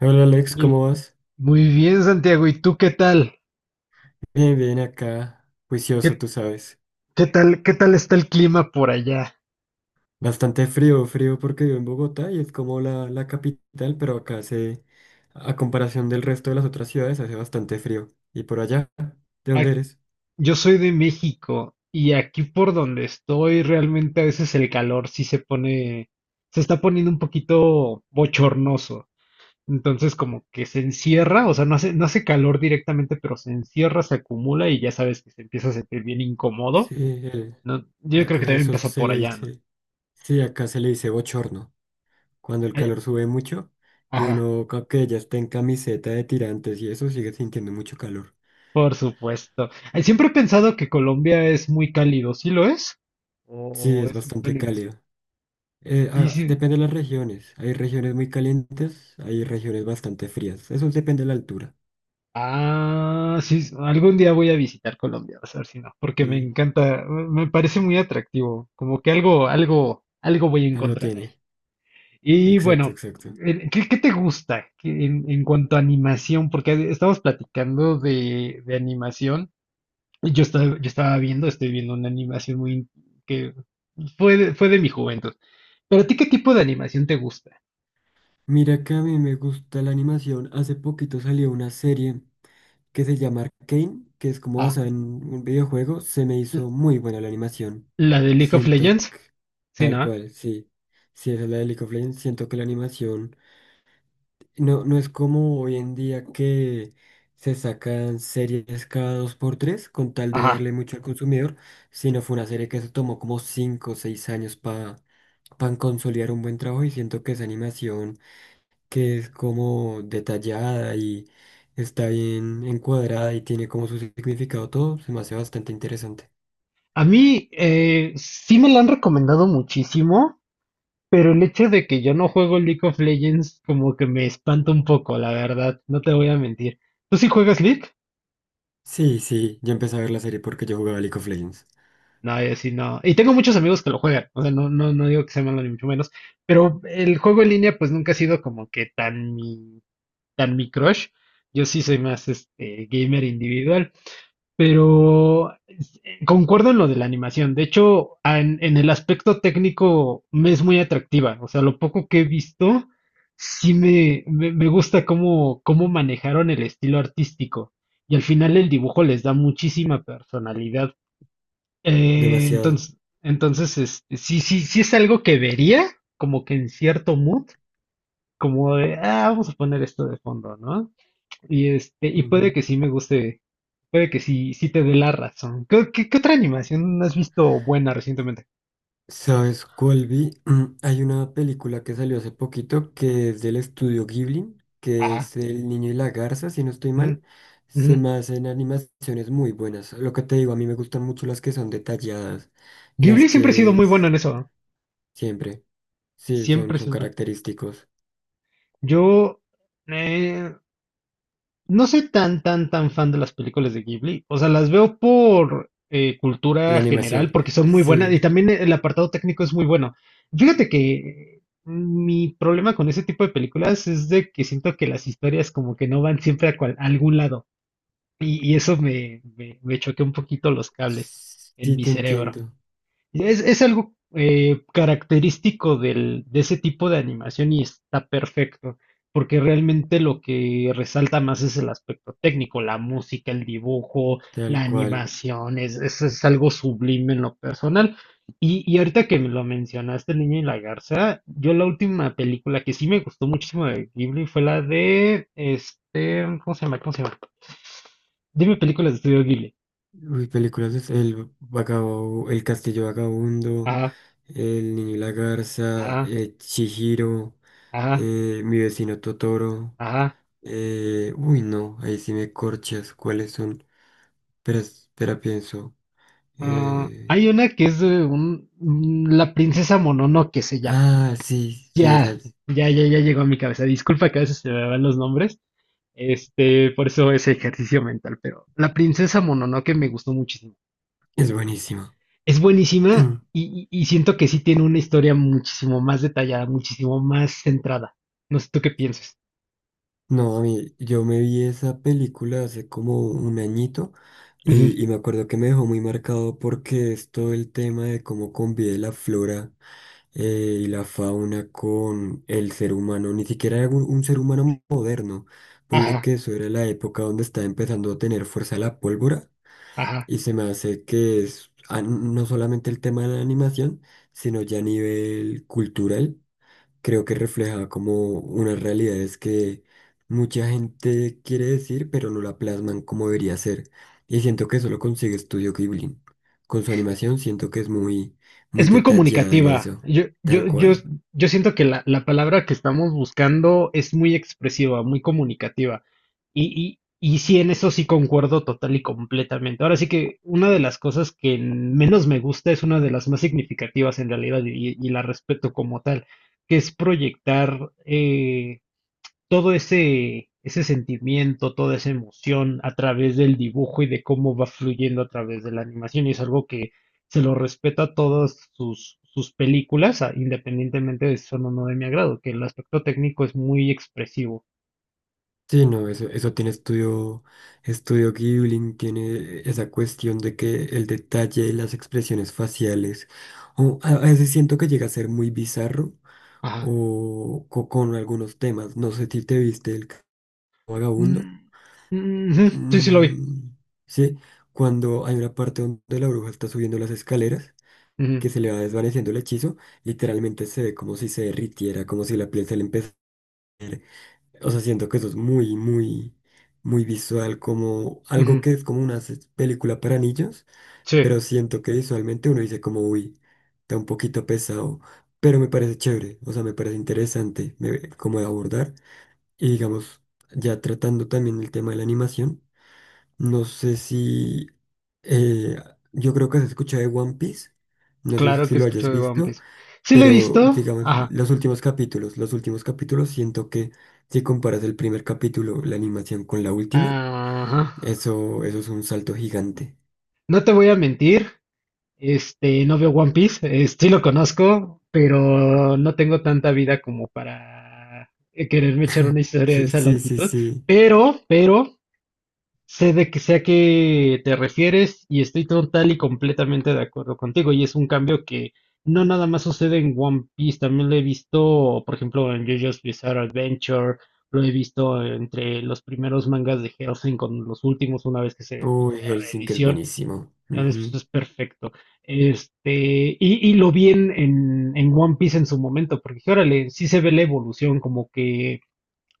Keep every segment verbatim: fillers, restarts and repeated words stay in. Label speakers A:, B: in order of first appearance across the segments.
A: Hola Alex,
B: Y
A: ¿cómo vas?
B: muy bien, Santiago. ¿Y tú qué tal?
A: Bien, bien acá, juicioso,
B: ¿Qué,
A: tú sabes.
B: qué tal, qué tal está el clima por allá?
A: Bastante frío, frío porque vivo en Bogotá y es como la, la capital, pero acá hace, a comparación del resto de las otras ciudades, hace bastante frío. ¿Y por allá? ¿De dónde
B: Ac-
A: eres?
B: Yo soy de México y aquí por donde estoy realmente a veces el calor sí se pone, se está poniendo un poquito bochornoso. Entonces como que se encierra, o sea, no hace, no hace calor directamente, pero se encierra, se acumula y ya sabes que se empieza a sentir bien incómodo,
A: Sí, eh,
B: ¿no? Yo creo que
A: acá
B: también
A: eso
B: pasa
A: se
B: por
A: le
B: allá, ¿no?
A: dice, sí, acá se le dice bochorno, cuando el
B: Ay,
A: calor sube mucho y
B: ajá.
A: uno, ca- que ya está en camiseta de tirantes y eso, sigue sintiendo mucho calor.
B: Por supuesto. Ay, siempre he pensado que Colombia es muy cálido, ¿sí lo es?
A: Sí,
B: ¿O
A: es
B: es un
A: bastante
B: calidez?
A: cálido. Eh,
B: Y
A: ah,
B: sí,
A: depende de las regiones. Hay regiones muy calientes, hay regiones bastante frías. Eso depende de la altura.
B: ah, sí, s- algún día voy a visitar Colombia, vas a ver si no, porque me
A: Sí,
B: encanta, me me parece muy atractivo, como que algo, algo, algo voy a
A: algo
B: encontrar ahí.
A: tiene.
B: Y
A: Exacto,
B: bueno,
A: exacto.
B: eh, ¿qué, qué te gusta que en, en cuanto a animación? Porque estamos platicando de, de animación. Yo estaba, yo estaba viendo, estoy viendo una animación muy in- que fue de, fue de mi juventud. ¿Pero a ti qué tipo de animación te gusta?
A: Mira que a mí me gusta la animación. Hace poquito salió una serie que se llama Arcane, que es como
B: Ah,
A: basada en un videojuego. Se me
B: l-
A: hizo muy buena la animación.
B: la de League of
A: Siento
B: Legends.
A: que,
B: Sí,
A: tal
B: ¿no?
A: cual, sí. Si es la de League of Legends, siento que la animación. No, no es como hoy en día que se sacan series cada dos por tres con tal de
B: Ajá.
A: darle mucho al consumidor, sino fue una serie que se tomó como cinco o seis años para consolidar un buen trabajo y siento que esa animación que es como detallada y está bien encuadrada y tiene como su significado todo, se me hace bastante interesante.
B: A mí eh, sí me la han recomendado muchísimo, pero el hecho de que yo no juego League of Legends como que me espanta un poco, la verdad. No te voy a mentir. ¿Tú sí juegas League?
A: Sí, sí, yo empecé a ver la serie porque yo jugaba League of Legends.
B: No, yo sí no. Y tengo muchos amigos que lo juegan. O sea, no, no, no digo que sea malo ni mucho menos. Pero el juego en línea pues nunca ha sido como que tan mi, tan mi crush. Yo sí soy más este gamer individual. Pero eh, concuerdo en lo de la animación. De hecho, a- en, en el aspecto técnico me es muy atractiva. O sea, lo poco que he visto, sí me, me, me gusta cómo, cómo manejaron el estilo artístico. Y al final el dibujo les da muchísima personalidad. Eh,
A: Demasiado.
B: entonces, entonces este, sí, sí, sí es algo que vería, como que en cierto mood, como de, ah, vamos a poner esto de fondo, ¿no? Y este, y puede que sí me guste, puede que sí, sí te dé la razón. ¿Qué, qué- qué otra animación has visto buena recientemente?
A: ¿Sabes cuál vi? Hay una película que salió hace poquito que es del estudio Ghibli, que
B: Ah,
A: es El Niño y la Garza, si no estoy
B: mm,
A: mal.
B: ujú.
A: Se me hacen animaciones muy buenas. Lo que te digo, a mí me gustan mucho las que son detalladas, las
B: Ghibli siempre ha sido
A: que
B: muy bueno en
A: es-
B: eso, ¿no?
A: siempre, sí, son,
B: Siempre,
A: son
B: siempre.
A: característicos.
B: Yo eh, no soy tan, tan, tan fan de las películas de Ghibli. O sea, las veo por eh,
A: La
B: cultura general,
A: animación,
B: porque son muy buenas y
A: sí,
B: también el apartado técnico es muy bueno. Fíjate que mi problema con ese tipo de películas es de que siento que las historias como que no van siempre a cual- a algún lado. Y, y eso me, me, me choqueó un poquito los cables en
A: sí
B: mi
A: te
B: cerebro.
A: entiendo,
B: Es, es algo eh, característico del, de ese tipo de animación y está perfecto, porque realmente lo que resalta más es el aspecto técnico, la música, el dibujo,
A: tal
B: la
A: cual.
B: animación, es, es, es algo sublime en lo personal. Y, y ahorita que me lo mencionaste, El niño y la garza, yo la última película que sí me gustó muchísimo de Ghibli fue la de, este, ¿cómo se llama? ¿Cómo se llama? Dime películas de estudio Ghibli.
A: Uy, películas es El Vagabundo, El Castillo Vagabundo.
B: Ajá,
A: El niño y la garza,
B: ajá,
A: eh, Chihiro,
B: ajá,
A: eh, mi vecino Totoro.
B: ajá.
A: Eh, uy, no, ahí sí me corchas. ¿Cuáles son? Espera, espera, pienso.
B: Ah,
A: eh,
B: hay una que es de un, mm, la princesa Mononoke se llama.
A: ah, sí, sí, esa
B: Ya,
A: es,
B: ya, ya, ya llegó a mi cabeza. Disculpa que a veces se me van los nombres. Este, por eso ese ejercicio mental, pero la princesa Mononoke me gustó muchísimo.
A: es buenísima.
B: Es buenísima y, y- y siento que sí tiene una historia muchísimo más detallada, muchísimo más centrada. No sé tú qué piensas.
A: No, a mí, yo me vi esa película hace como un añito
B: Ujú,
A: y, y me acuerdo que me dejó muy marcado porque es todo el tema de cómo convive la flora. Eh, y la fauna con el ser humano, ni siquiera era un, un ser humano moderno. Ponle
B: ajá,
A: que eso era la época donde estaba empezando a tener fuerza la pólvora
B: ajá.
A: y se me hace que es ah, no solamente el tema de la animación, sino ya a nivel cultural, creo que refleja como unas realidades que mucha gente quiere decir, pero no la plasman como debería ser. Y siento que eso lo consigue Studio Ghibli. Con su animación siento que es muy, muy
B: Es muy
A: detallada en
B: comunicativa.
A: eso,
B: Yo,
A: tal
B: yo, yo,
A: cual.
B: yo siento que la, la palabra que estamos buscando es muy expresiva, muy comunicativa. Y, y, y sí, en eso sí concuerdo total y completamente. Ahora sí que una de las cosas que menos me gusta es una de las más significativas en realidad y, y la respeto como tal, que es proyectar eh, todo ese, ese sentimiento, toda esa emoción a través del dibujo y de cómo va fluyendo a través de la animación. Y es algo que se lo respeta a todas sus, sus películas, a- independientemente de si son o no de mi agrado, que el aspecto técnico es muy expresivo.
A: Sí, no, eso, eso tiene estudio, estudio Ghibli, tiene esa cuestión de que el detalle y las expresiones faciales, o a a veces siento que llega a ser muy bizarro
B: Ajá.
A: o co- con algunos temas. No sé si te viste el Ca- vagabundo.
B: Mm, ujú, sí, sí lo vi.
A: Mm, sí, cuando hay una parte donde la bruja está subiendo las escaleras,
B: Ujú,
A: que se le va desvaneciendo el hechizo, literalmente se ve como si se derritiera, como si la piel se le empezara. O sea, siento que eso es muy, muy, muy visual, como algo
B: ujú,
A: que es como una se- película para niños,
B: sí,
A: pero siento que visualmente uno dice como, uy, está un poquito pesado, pero me parece chévere, o sea, me parece interesante me- como de abordar. Y digamos, ya tratando también el tema de la animación, no sé si, eh, yo creo que has escuchado de One Piece, no sé
B: claro
A: si
B: que
A: lo
B: escucho
A: hayas
B: de One
A: visto.
B: Piece. Sí lo he
A: Pero,
B: visto.
A: digamos,
B: Ajá.
A: los últimos capítulos, los últimos capítulos, siento que si comparas el primer capítulo, la animación con la última,
B: Ajá.
A: eso, eso es un salto gigante.
B: No te voy a mentir. Este, no veo One Piece, eh, sí lo conozco, pero no tengo tanta vida como para eh, quererme echar una historia de
A: Sí,
B: esa
A: sí, sí,
B: longitud.
A: sí.
B: Pero, pero, sé de que sé a qué te refieres y estoy total y completamente de acuerdo contigo. Y es un cambio que no nada más sucede en One Piece, también lo he visto, por ejemplo, en JoJo's Bizarre Adventure, lo he visto entre los primeros mangas de Hellsing con los últimos, una vez que se hizo
A: Uy,
B: la
A: Helsinki es
B: reedición.
A: buenísimo. Ujú,
B: Eso es perfecto. Este, y, y lo vi en, en, en One Piece en su momento, porque dije, órale, sí se ve la evolución, como que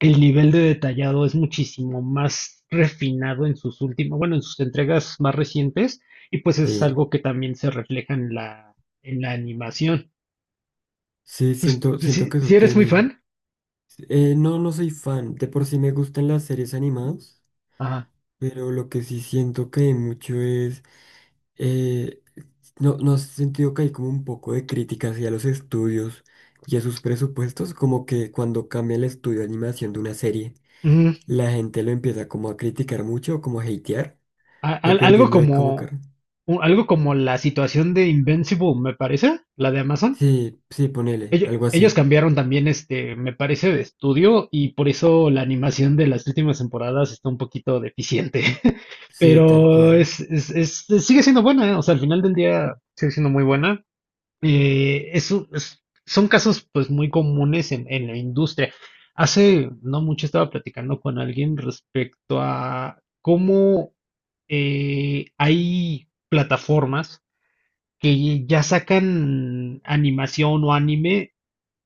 B: el nivel de detallado es muchísimo más refinado en sus últimas, bueno, en sus entregas más recientes, y pues es
A: sí,
B: algo que también se refleja en la, en la animación.
A: sí,
B: Pues,
A: siento,
B: pues
A: siento
B: si,
A: que eso
B: si eres muy
A: tiene.
B: fan,
A: Eh, no, no soy fan. De por sí me gustan las series animadas,
B: ajá.
A: pero lo que sí siento que hay mucho es eh, no, no has sentido que hay como un poco de crítica hacia los estudios y a sus presupuestos, como que cuando cambia el estudio de animación de una serie,
B: Ujú.
A: la gente lo empieza como a criticar mucho o como a hatear,
B: A- al- algo
A: dependiendo de cómo car-
B: como, u- algo como la situación de Invincible, me parece, la de Amazon.
A: Sí, sí, ponele,
B: Ello-
A: algo
B: Ellos
A: así.
B: cambiaron también, este, me parece, de estudio y por eso la animación de las últimas temporadas está un poquito deficiente.
A: Sí, tal
B: Pero
A: cual.
B: es, es- es- es- sigue siendo buena, ¿eh? O sea, al final del día sigue siendo muy buena. Eh, es un- es- son casos pues muy comunes en, en la industria. Hace no mucho estaba platicando con alguien respecto a cómo eh, hay plataformas que ya sacan animación o anime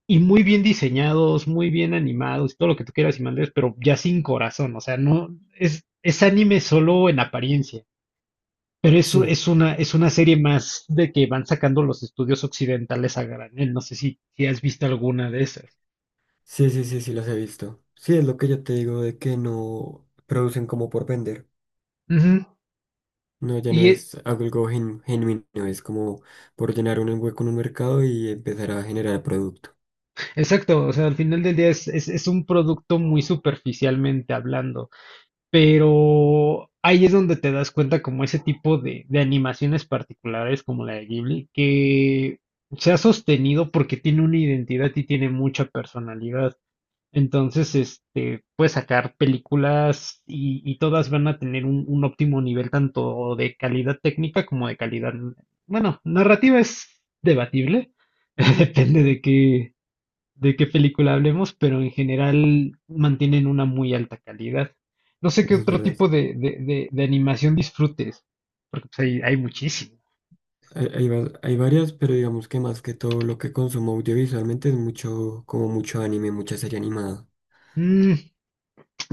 B: y muy bien diseñados, muy bien animados, todo lo que tú quieras y mandes, pero ya sin corazón, o sea, no es, es anime solo en apariencia, pero es, u-
A: Sí,
B: es una, es una serie más de que van sacando los estudios occidentales a granel, no sé si, si has visto alguna de esas.
A: sí, sí, sí, sí, los he visto. Sí, es lo que yo te digo de que no producen como por vender.
B: Ujú.
A: No, ya no
B: Y e-
A: es algo gen- genuino, es como por llenar un hueco en un mercado y empezar a generar producto.
B: exacto, o sea, al final del día es, es, es un producto muy superficialmente hablando. Pero ahí es donde te das cuenta como ese tipo de, de animaciones particulares como la de Ghibli, que se ha sostenido porque tiene una identidad y tiene mucha personalidad. Entonces, este, puedes sacar películas y, y todas van a tener un, un óptimo nivel tanto de calidad técnica como de calidad, bueno, narrativa es debatible, depende de qué, de qué, película hablemos, pero en general mantienen una muy alta calidad. No sé qué
A: Eso es
B: otro
A: verdad.
B: tipo de, de, de- de animación disfrutes, porque pues, hay, hay muchísimo.
A: Hay, hay, va- hay varias, pero digamos que más que todo lo que consumo audiovisualmente es mucho, como mucho anime, mucha serie animada.
B: Mm,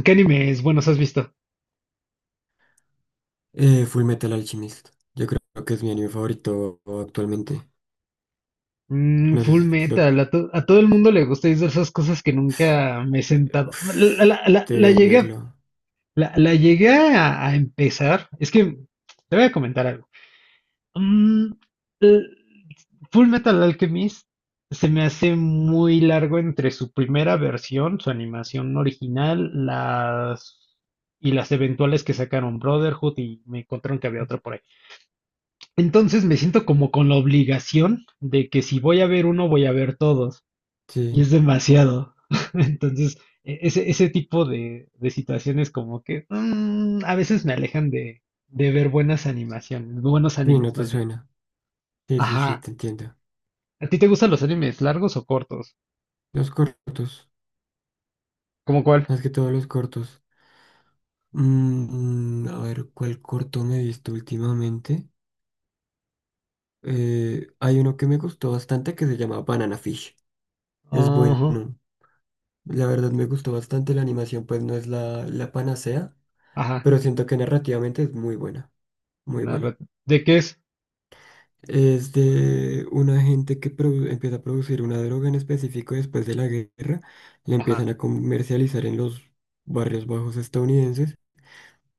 B: ¿Qué animes buenos has visto?
A: Eh, Full Metal Alchemist. Yo creo que es mi anime favorito actualmente.
B: Mm,
A: No sé
B: Full
A: si lo...
B: Metal, a, to- a todo el mundo le gusta y es de esas cosas que nunca me he sentado. La,
A: Uf,
B: la- la- la
A: deberías
B: llegué, a-
A: verlo.
B: la, la llegué a, a empezar, es que te voy a comentar algo. Mm, l- Full Metal Alchemist se me hace muy largo entre su primera versión, su animación original, las y las eventuales que sacaron Brotherhood y me encontraron que había otra por ahí. Entonces me siento como con la obligación de que si voy a ver uno, voy a ver todos. Y
A: Sí,
B: es demasiado. Entonces, e- ese, ese tipo de, de situaciones como que mm, a veces me alejan de, de ver buenas animaciones, buenos
A: sí, no
B: animes
A: te
B: más bien.
A: suena. Sí, sí, sí,
B: Ajá.
A: te entiendo.
B: ¿A ti te gustan los animes largos o cortos?
A: Los cortos,
B: ¿Cómo cuál?
A: más que todo los cortos. Mm, mm, a ver, ¿cuál corto me he visto últimamente? Eh, hay uno que me gustó bastante que se llama Banana Fish. Es bueno.
B: Ajá,
A: La verdad me gustó bastante la animación, pues no es la, la panacea,
B: ajá.
A: pero siento que narrativamente es muy buena, muy
B: narra-
A: buena.
B: ¿De qué es?
A: Es de una gente que produ- empieza a producir una droga en específico después de la guerra, la
B: Ajá,
A: empiezan a comercializar en los barrios bajos estadounidenses,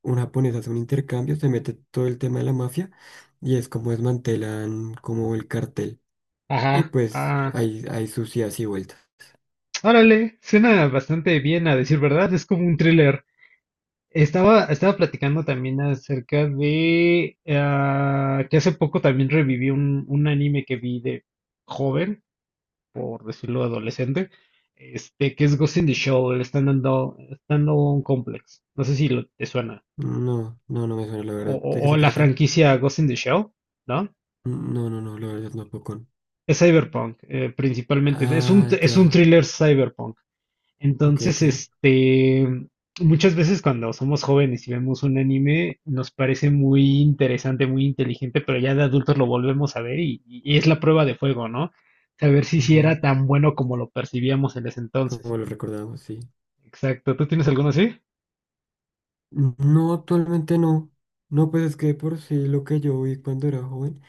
A: un japonés hace un intercambio, se mete todo el tema de la mafia y es como desmantelan como el cartel. Y
B: ajá,
A: pues
B: ah.
A: hay, hay sucias y vueltas.
B: Órale, suena bastante bien a decir verdad, es como un thriller. Estaba, estaba platicando también acerca de ah, que hace poco también reviví un, un anime que vi de joven, por decirlo adolescente, este, que es Ghost in the Shell, el Stand-Alone Stand-Alone Complex. No sé si lo- te suena.
A: No, no, no me suena la
B: O,
A: verdad.
B: o
A: ¿De qué
B: o
A: se
B: la
A: trata?
B: franquicia Ghost in the Shell. ¿No?
A: No, no, no, la verdad no, poco.
B: Es cyberpunk, eh, principalmente. Es un,
A: Ah,
B: es un
A: ya.
B: thriller cyberpunk.
A: Ok,
B: Entonces,
A: ok.
B: este, muchas veces cuando somos jóvenes y vemos un anime, nos parece muy interesante, muy inteligente, pero ya de adultos lo volvemos a ver y, y es la prueba de fuego, ¿no? Saber si sí
A: Ujú.
B: era tan bueno como lo percibíamos en ese entonces.
A: Como lo recordamos, sí.
B: Exacto. ¿Tú tienes alguno así?
A: No, actualmente no. No, pues es que por sí lo que yo vi cuando era joven.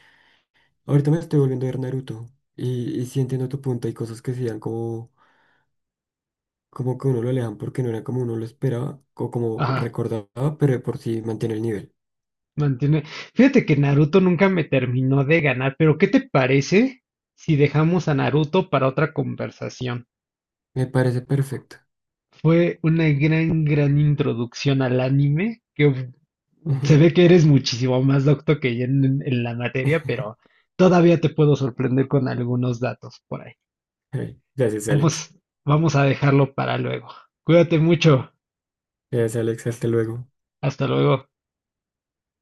A: Ahorita me estoy volviendo a ver Naruto. Y, y sí entiendo tu punto. Hay cosas que sí dan como, como que uno lo alejan porque no era como uno lo esperaba o como
B: Ajá,
A: recordaba, pero de por sí mantiene el nivel.
B: mantiene. Fíjate que Naruto nunca me terminó de ganar, pero ¿qué te parece si dejamos a Naruto para otra conversación?
A: Me parece perfecto.
B: Fue una gran, gran introducción al anime, que uf, se ve que eres muchísimo más docto que yo en, en la materia, pero todavía te puedo sorprender con algunos datos por ahí.
A: Ay, gracias, Alex.
B: Vamos, vamos a dejarlo para luego. Cuídate mucho.
A: Gracias, Alex. Hasta luego.
B: Hasta luego.